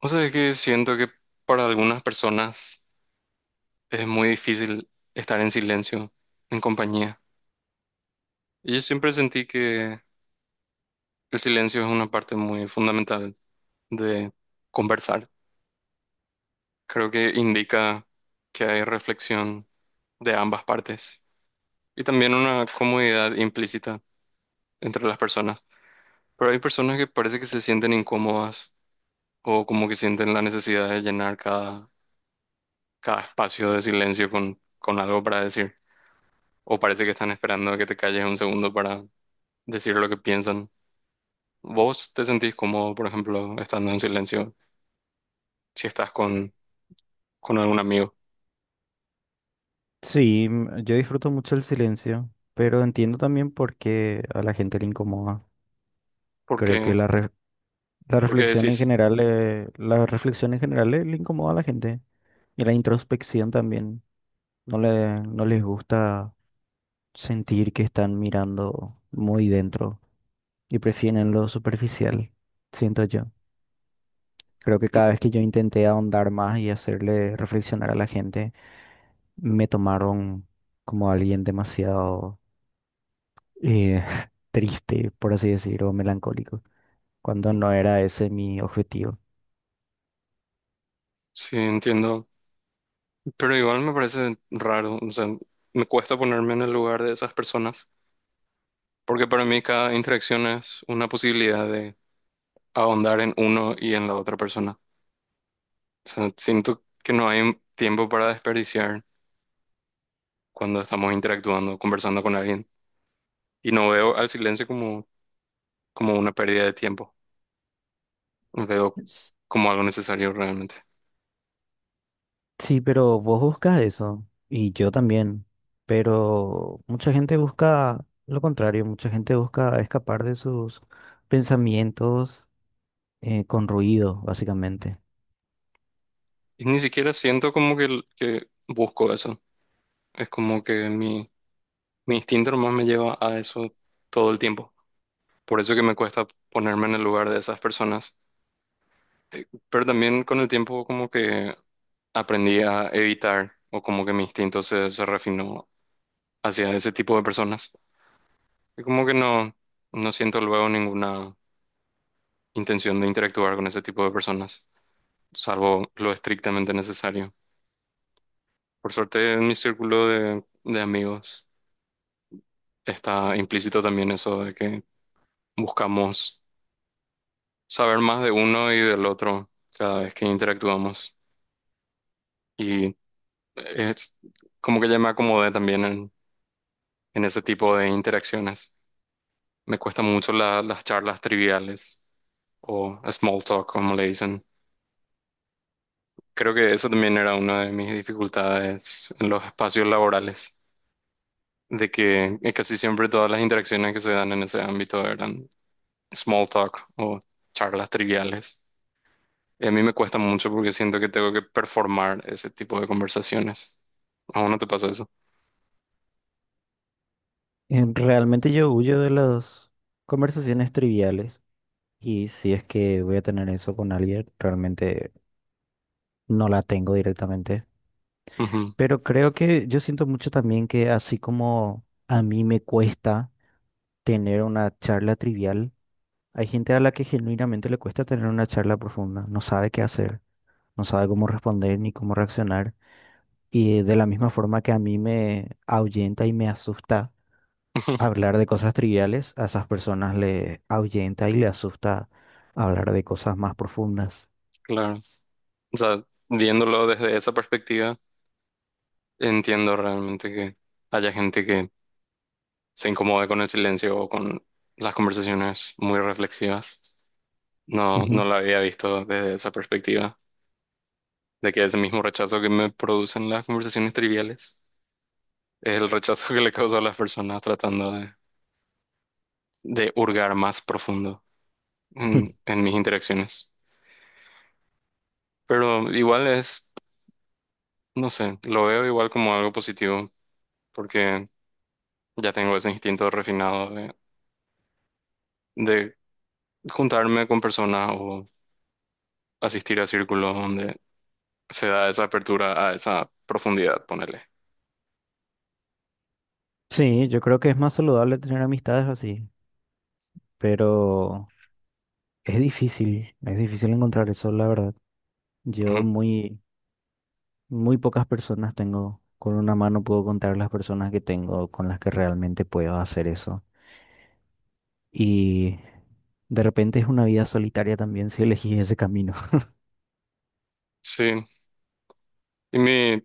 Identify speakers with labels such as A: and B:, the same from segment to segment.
A: O sea, es que siento que para algunas personas es muy difícil estar en silencio, en compañía. Y yo siempre sentí que el silencio es una parte muy fundamental de conversar. Creo que indica que hay reflexión de ambas partes y también una comodidad implícita entre las personas. Pero hay personas que parece que se sienten incómodas o como que sienten la necesidad de llenar cada espacio de silencio con algo para decir. O parece que están esperando a que te calles un segundo para decir lo que piensan. ¿Vos te sentís cómodo, por ejemplo, estando en silencio si estás con algún amigo?
B: Sí, mm, yo disfruto mucho el silencio, pero entiendo también por qué a la gente le incomoda.
A: ¿Por
B: Creo que
A: qué?
B: la
A: ¿Por qué
B: reflexión en
A: decís?
B: general, la reflexión en general le incomoda a la gente. Y la introspección también. No les gusta sentir que están mirando muy dentro y prefieren lo superficial, siento yo. Creo que cada vez que yo intenté ahondar más y hacerle reflexionar a la gente, me tomaron como alguien demasiado eh, triste, por así decirlo, melancólico, cuando no era ese mi objetivo.
A: Sí, entiendo. Pero igual me parece raro. O sea, me cuesta ponerme en el lugar de esas personas. Porque para mí cada interacción es una posibilidad de ahondar en uno y en la otra persona. O sea, siento que no hay tiempo para desperdiciar cuando estamos interactuando, conversando con alguien. Y no veo al silencio como una pérdida de tiempo. Veo
B: S-
A: como algo necesario realmente.
B: Sí, pero vos buscas eso, y yo también, pero mucha gente busca lo contrario, mucha gente busca escapar de sus pensamientos con ruido, básicamente.
A: Y ni siquiera siento como que busco eso. Es como que mi instinto nomás me lleva a eso todo el tiempo. Por eso que me cuesta ponerme en el lugar de esas personas. Pero también con el tiempo como que aprendí a evitar o como que mi instinto se refinó hacia ese tipo de personas. Y como que no, no siento luego ninguna intención de interactuar con ese tipo de personas, salvo lo estrictamente necesario. Por suerte, en mi círculo de amigos está implícito también eso de que buscamos saber más de uno y del otro cada vez que interactuamos. Y es como que ya me acomodé también en ese tipo de interacciones. Me cuestan mucho las charlas triviales o small talk, como le dicen. Creo que eso también era una de mis dificultades en los espacios laborales, de que casi siempre todas las interacciones que se dan en ese ámbito eran small talk o charlas triviales. Y a mí me cuesta mucho porque siento que tengo que performar ese tipo de conversaciones. ¿Aún no te pasa eso?
B: Realmente yo huyo de las conversaciones triviales, y si es que voy a tener eso con alguien, realmente no la tengo directamente.
A: Ujú.
B: Pero creo que yo siento mucho también que así como a mí me cuesta tener una charla trivial, hay gente a la que genuinamente le cuesta tener una charla profunda, no sabe qué hacer, no sabe cómo responder ni cómo reaccionar. Y de la misma forma que a mí me ahuyenta y me asusta hablar de cosas triviales, a esas personas le ahuyenta y le asusta hablar de cosas más profundas.
A: Claro. O sea, viéndolo desde esa perspectiva, entiendo realmente que haya gente que se incomode con el silencio o con las conversaciones muy reflexivas. No,
B: Ujú.
A: no la había visto desde esa perspectiva, de que ese mismo rechazo que me producen las conversaciones triviales es el rechazo que le causa a las personas tratando de hurgar más profundo en mis interacciones. Pero igual es, no sé, lo veo igual como algo positivo, porque ya tengo ese instinto refinado de juntarme con personas o asistir a círculos donde se da esa apertura a esa profundidad, ponerle.
B: Sí, yo creo que es más saludable tener amistades así, pero... es difícil encontrar eso, la verdad. Yo muy, muy pocas personas tengo, con una mano puedo contar las personas que tengo con las que realmente puedo hacer eso. Y de repente es una vida solitaria también si elegís ese camino.
A: Sí, y mi,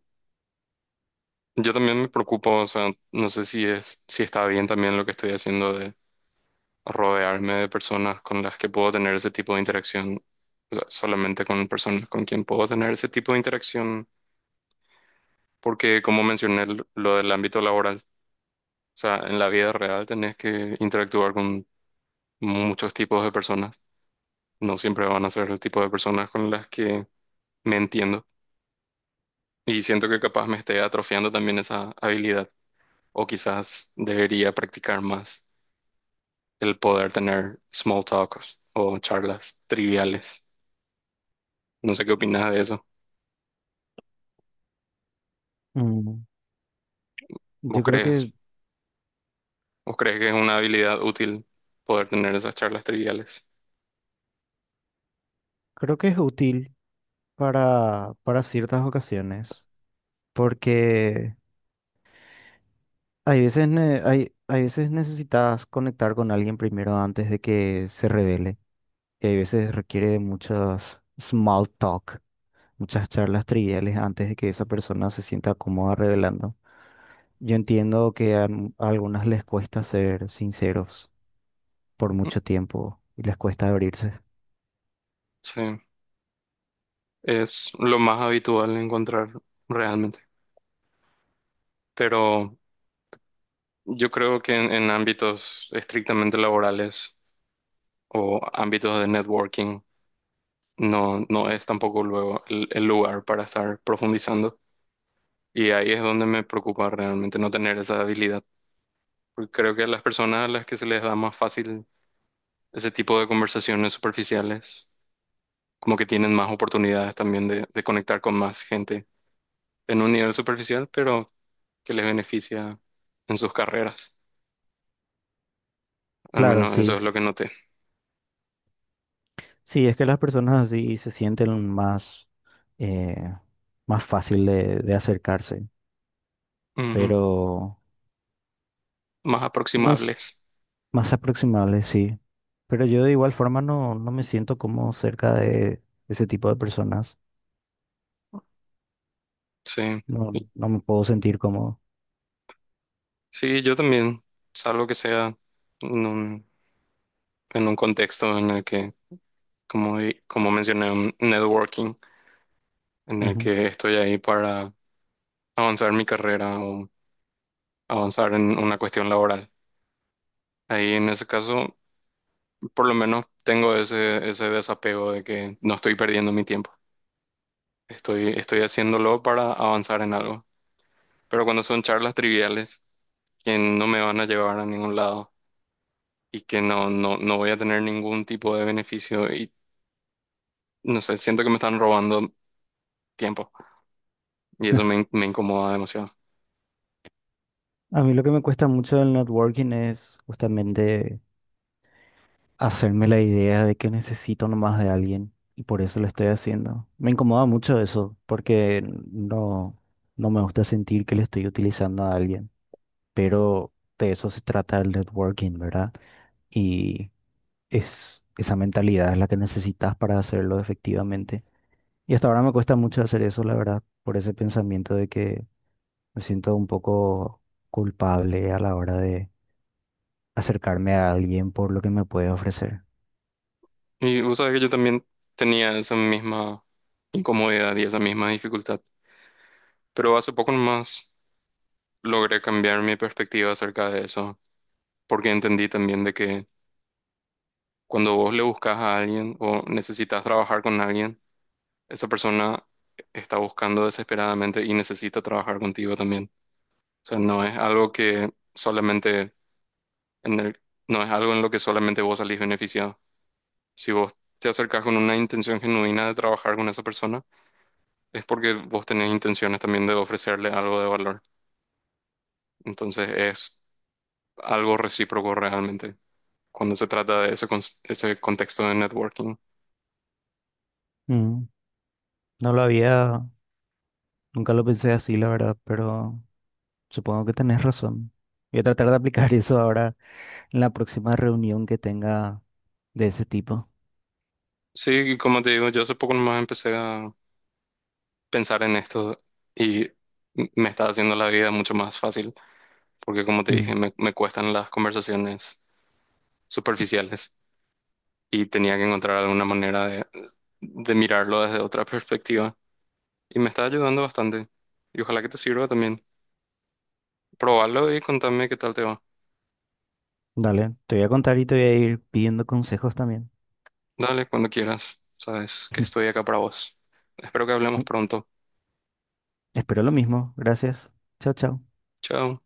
A: yo también me preocupo, o sea, no sé si es, si está bien también lo que estoy haciendo de rodearme de personas con las que puedo tener ese tipo de interacción, o sea, solamente con personas con quien puedo tener ese tipo de interacción, porque como mencioné lo del ámbito laboral, o sea, en la vida real tenés que interactuar con muchos tipos de personas, no siempre van a ser el tipo de personas con las que me entiendo y siento que capaz me esté atrofiando también esa habilidad o quizás debería practicar más el poder tener small talks o charlas triviales. No sé qué opinas de eso.
B: Mm,
A: ¿Vos
B: yo creo
A: crees, vos crees que es una habilidad útil poder tener esas charlas triviales?
B: creo que es útil para ciertas ocasiones, porque hay veces necesitas conectar con alguien primero antes de que se revele. Que a veces requiere de muchas small talk, muchas charlas triviales antes de que esa persona se sienta cómoda revelando. Yo entiendo que a algunas les cuesta ser sinceros por mucho tiempo y les cuesta abrirse.
A: Sí, es lo más habitual encontrar realmente. Pero yo creo que en ámbitos estrictamente laborales o ámbitos de networking no, no es tampoco luego el lugar para estar profundizando. Y ahí es donde me preocupa realmente no tener esa habilidad. Porque creo que a las personas a las que se les da más fácil ese tipo de conversaciones superficiales como que tienen más oportunidades también de conectar con más gente en un nivel superficial, pero que les beneficia en sus carreras. Al
B: Claro,
A: menos
B: sí,
A: eso es lo que noté.
B: sí, es que las personas así se sienten más, eh, más fácil de acercarse,
A: Ujú.
B: pero
A: Más
B: no s-
A: aproximables.
B: más aproximables, sí. Pero yo de igual forma no me siento como cerca de ese tipo de personas.
A: Sí.
B: No,
A: Y-
B: no me puedo sentir cómodo.
A: Sí, yo también, salvo que sea en un, en un contexto en el que, como, como mencioné, un networking, en el
B: Ujú.
A: que estoy ahí para avanzar mi carrera o avanzar en una cuestión laboral. Ahí en ese caso por lo menos tengo ese desapego de que no estoy perdiendo mi tiempo. Estoy haciéndolo para avanzar en algo. Pero cuando son charlas triviales, que no me van a llevar a ningún lado y que no voy a tener ningún tipo de beneficio y no sé, siento que me están robando tiempo y eso me incomoda demasiado.
B: A mí lo que me cuesta mucho del networking es justamente hacerme la idea de que necesito nomás de alguien y por eso lo estoy haciendo. Me incomoda mucho eso porque no, no me gusta sentir que le estoy utilizando a alguien, pero de eso se trata el networking, ¿verdad? Y es esa mentalidad es la que necesitas para hacerlo efectivamente. Y hasta ahora me cuesta mucho hacer eso, la verdad, por ese pensamiento de que me siento un poco culpable a la hora de acercarme a alguien por lo que me puede ofrecer.
A: Y vos sabés que yo también tenía esa misma incomodidad y esa misma dificultad, pero hace poco nomás logré cambiar mi perspectiva acerca de eso porque entendí también de que cuando vos le buscas a alguien o necesitas trabajar con alguien, esa persona está buscando desesperadamente y necesita trabajar contigo también. O sea, no es algo que solamente en el- no es algo en lo que solamente vos salís beneficiado. Si vos te acercás con una intención genuina de trabajar con esa persona, es porque vos tenés intenciones también de ofrecerle algo de valor. Entonces es algo recíproco realmente cuando se trata de ese contexto de networking.
B: Mm, no lo había, nunca lo pensé así, la verdad, pero supongo que tenés razón. Voy a tratar de aplicar eso ahora en la próxima reunión que tenga de ese tipo.
A: Sí, y como te digo, yo hace poco nomás empecé a pensar en esto y me está haciendo la vida mucho más fácil, porque como te
B: Mm,
A: dije, me cuestan las conversaciones superficiales y tenía que encontrar alguna manera de mirarlo desde otra perspectiva y me está ayudando bastante y ojalá que te sirva también. Probarlo y contame qué tal te va.
B: dale, te voy a contar y te voy a ir pidiendo consejos también.
A: Dale, cuando quieras, sabes que estoy acá para vos. Espero que hablemos pronto.
B: Espero lo mismo. Gracias. Chao, chao.
A: Chao.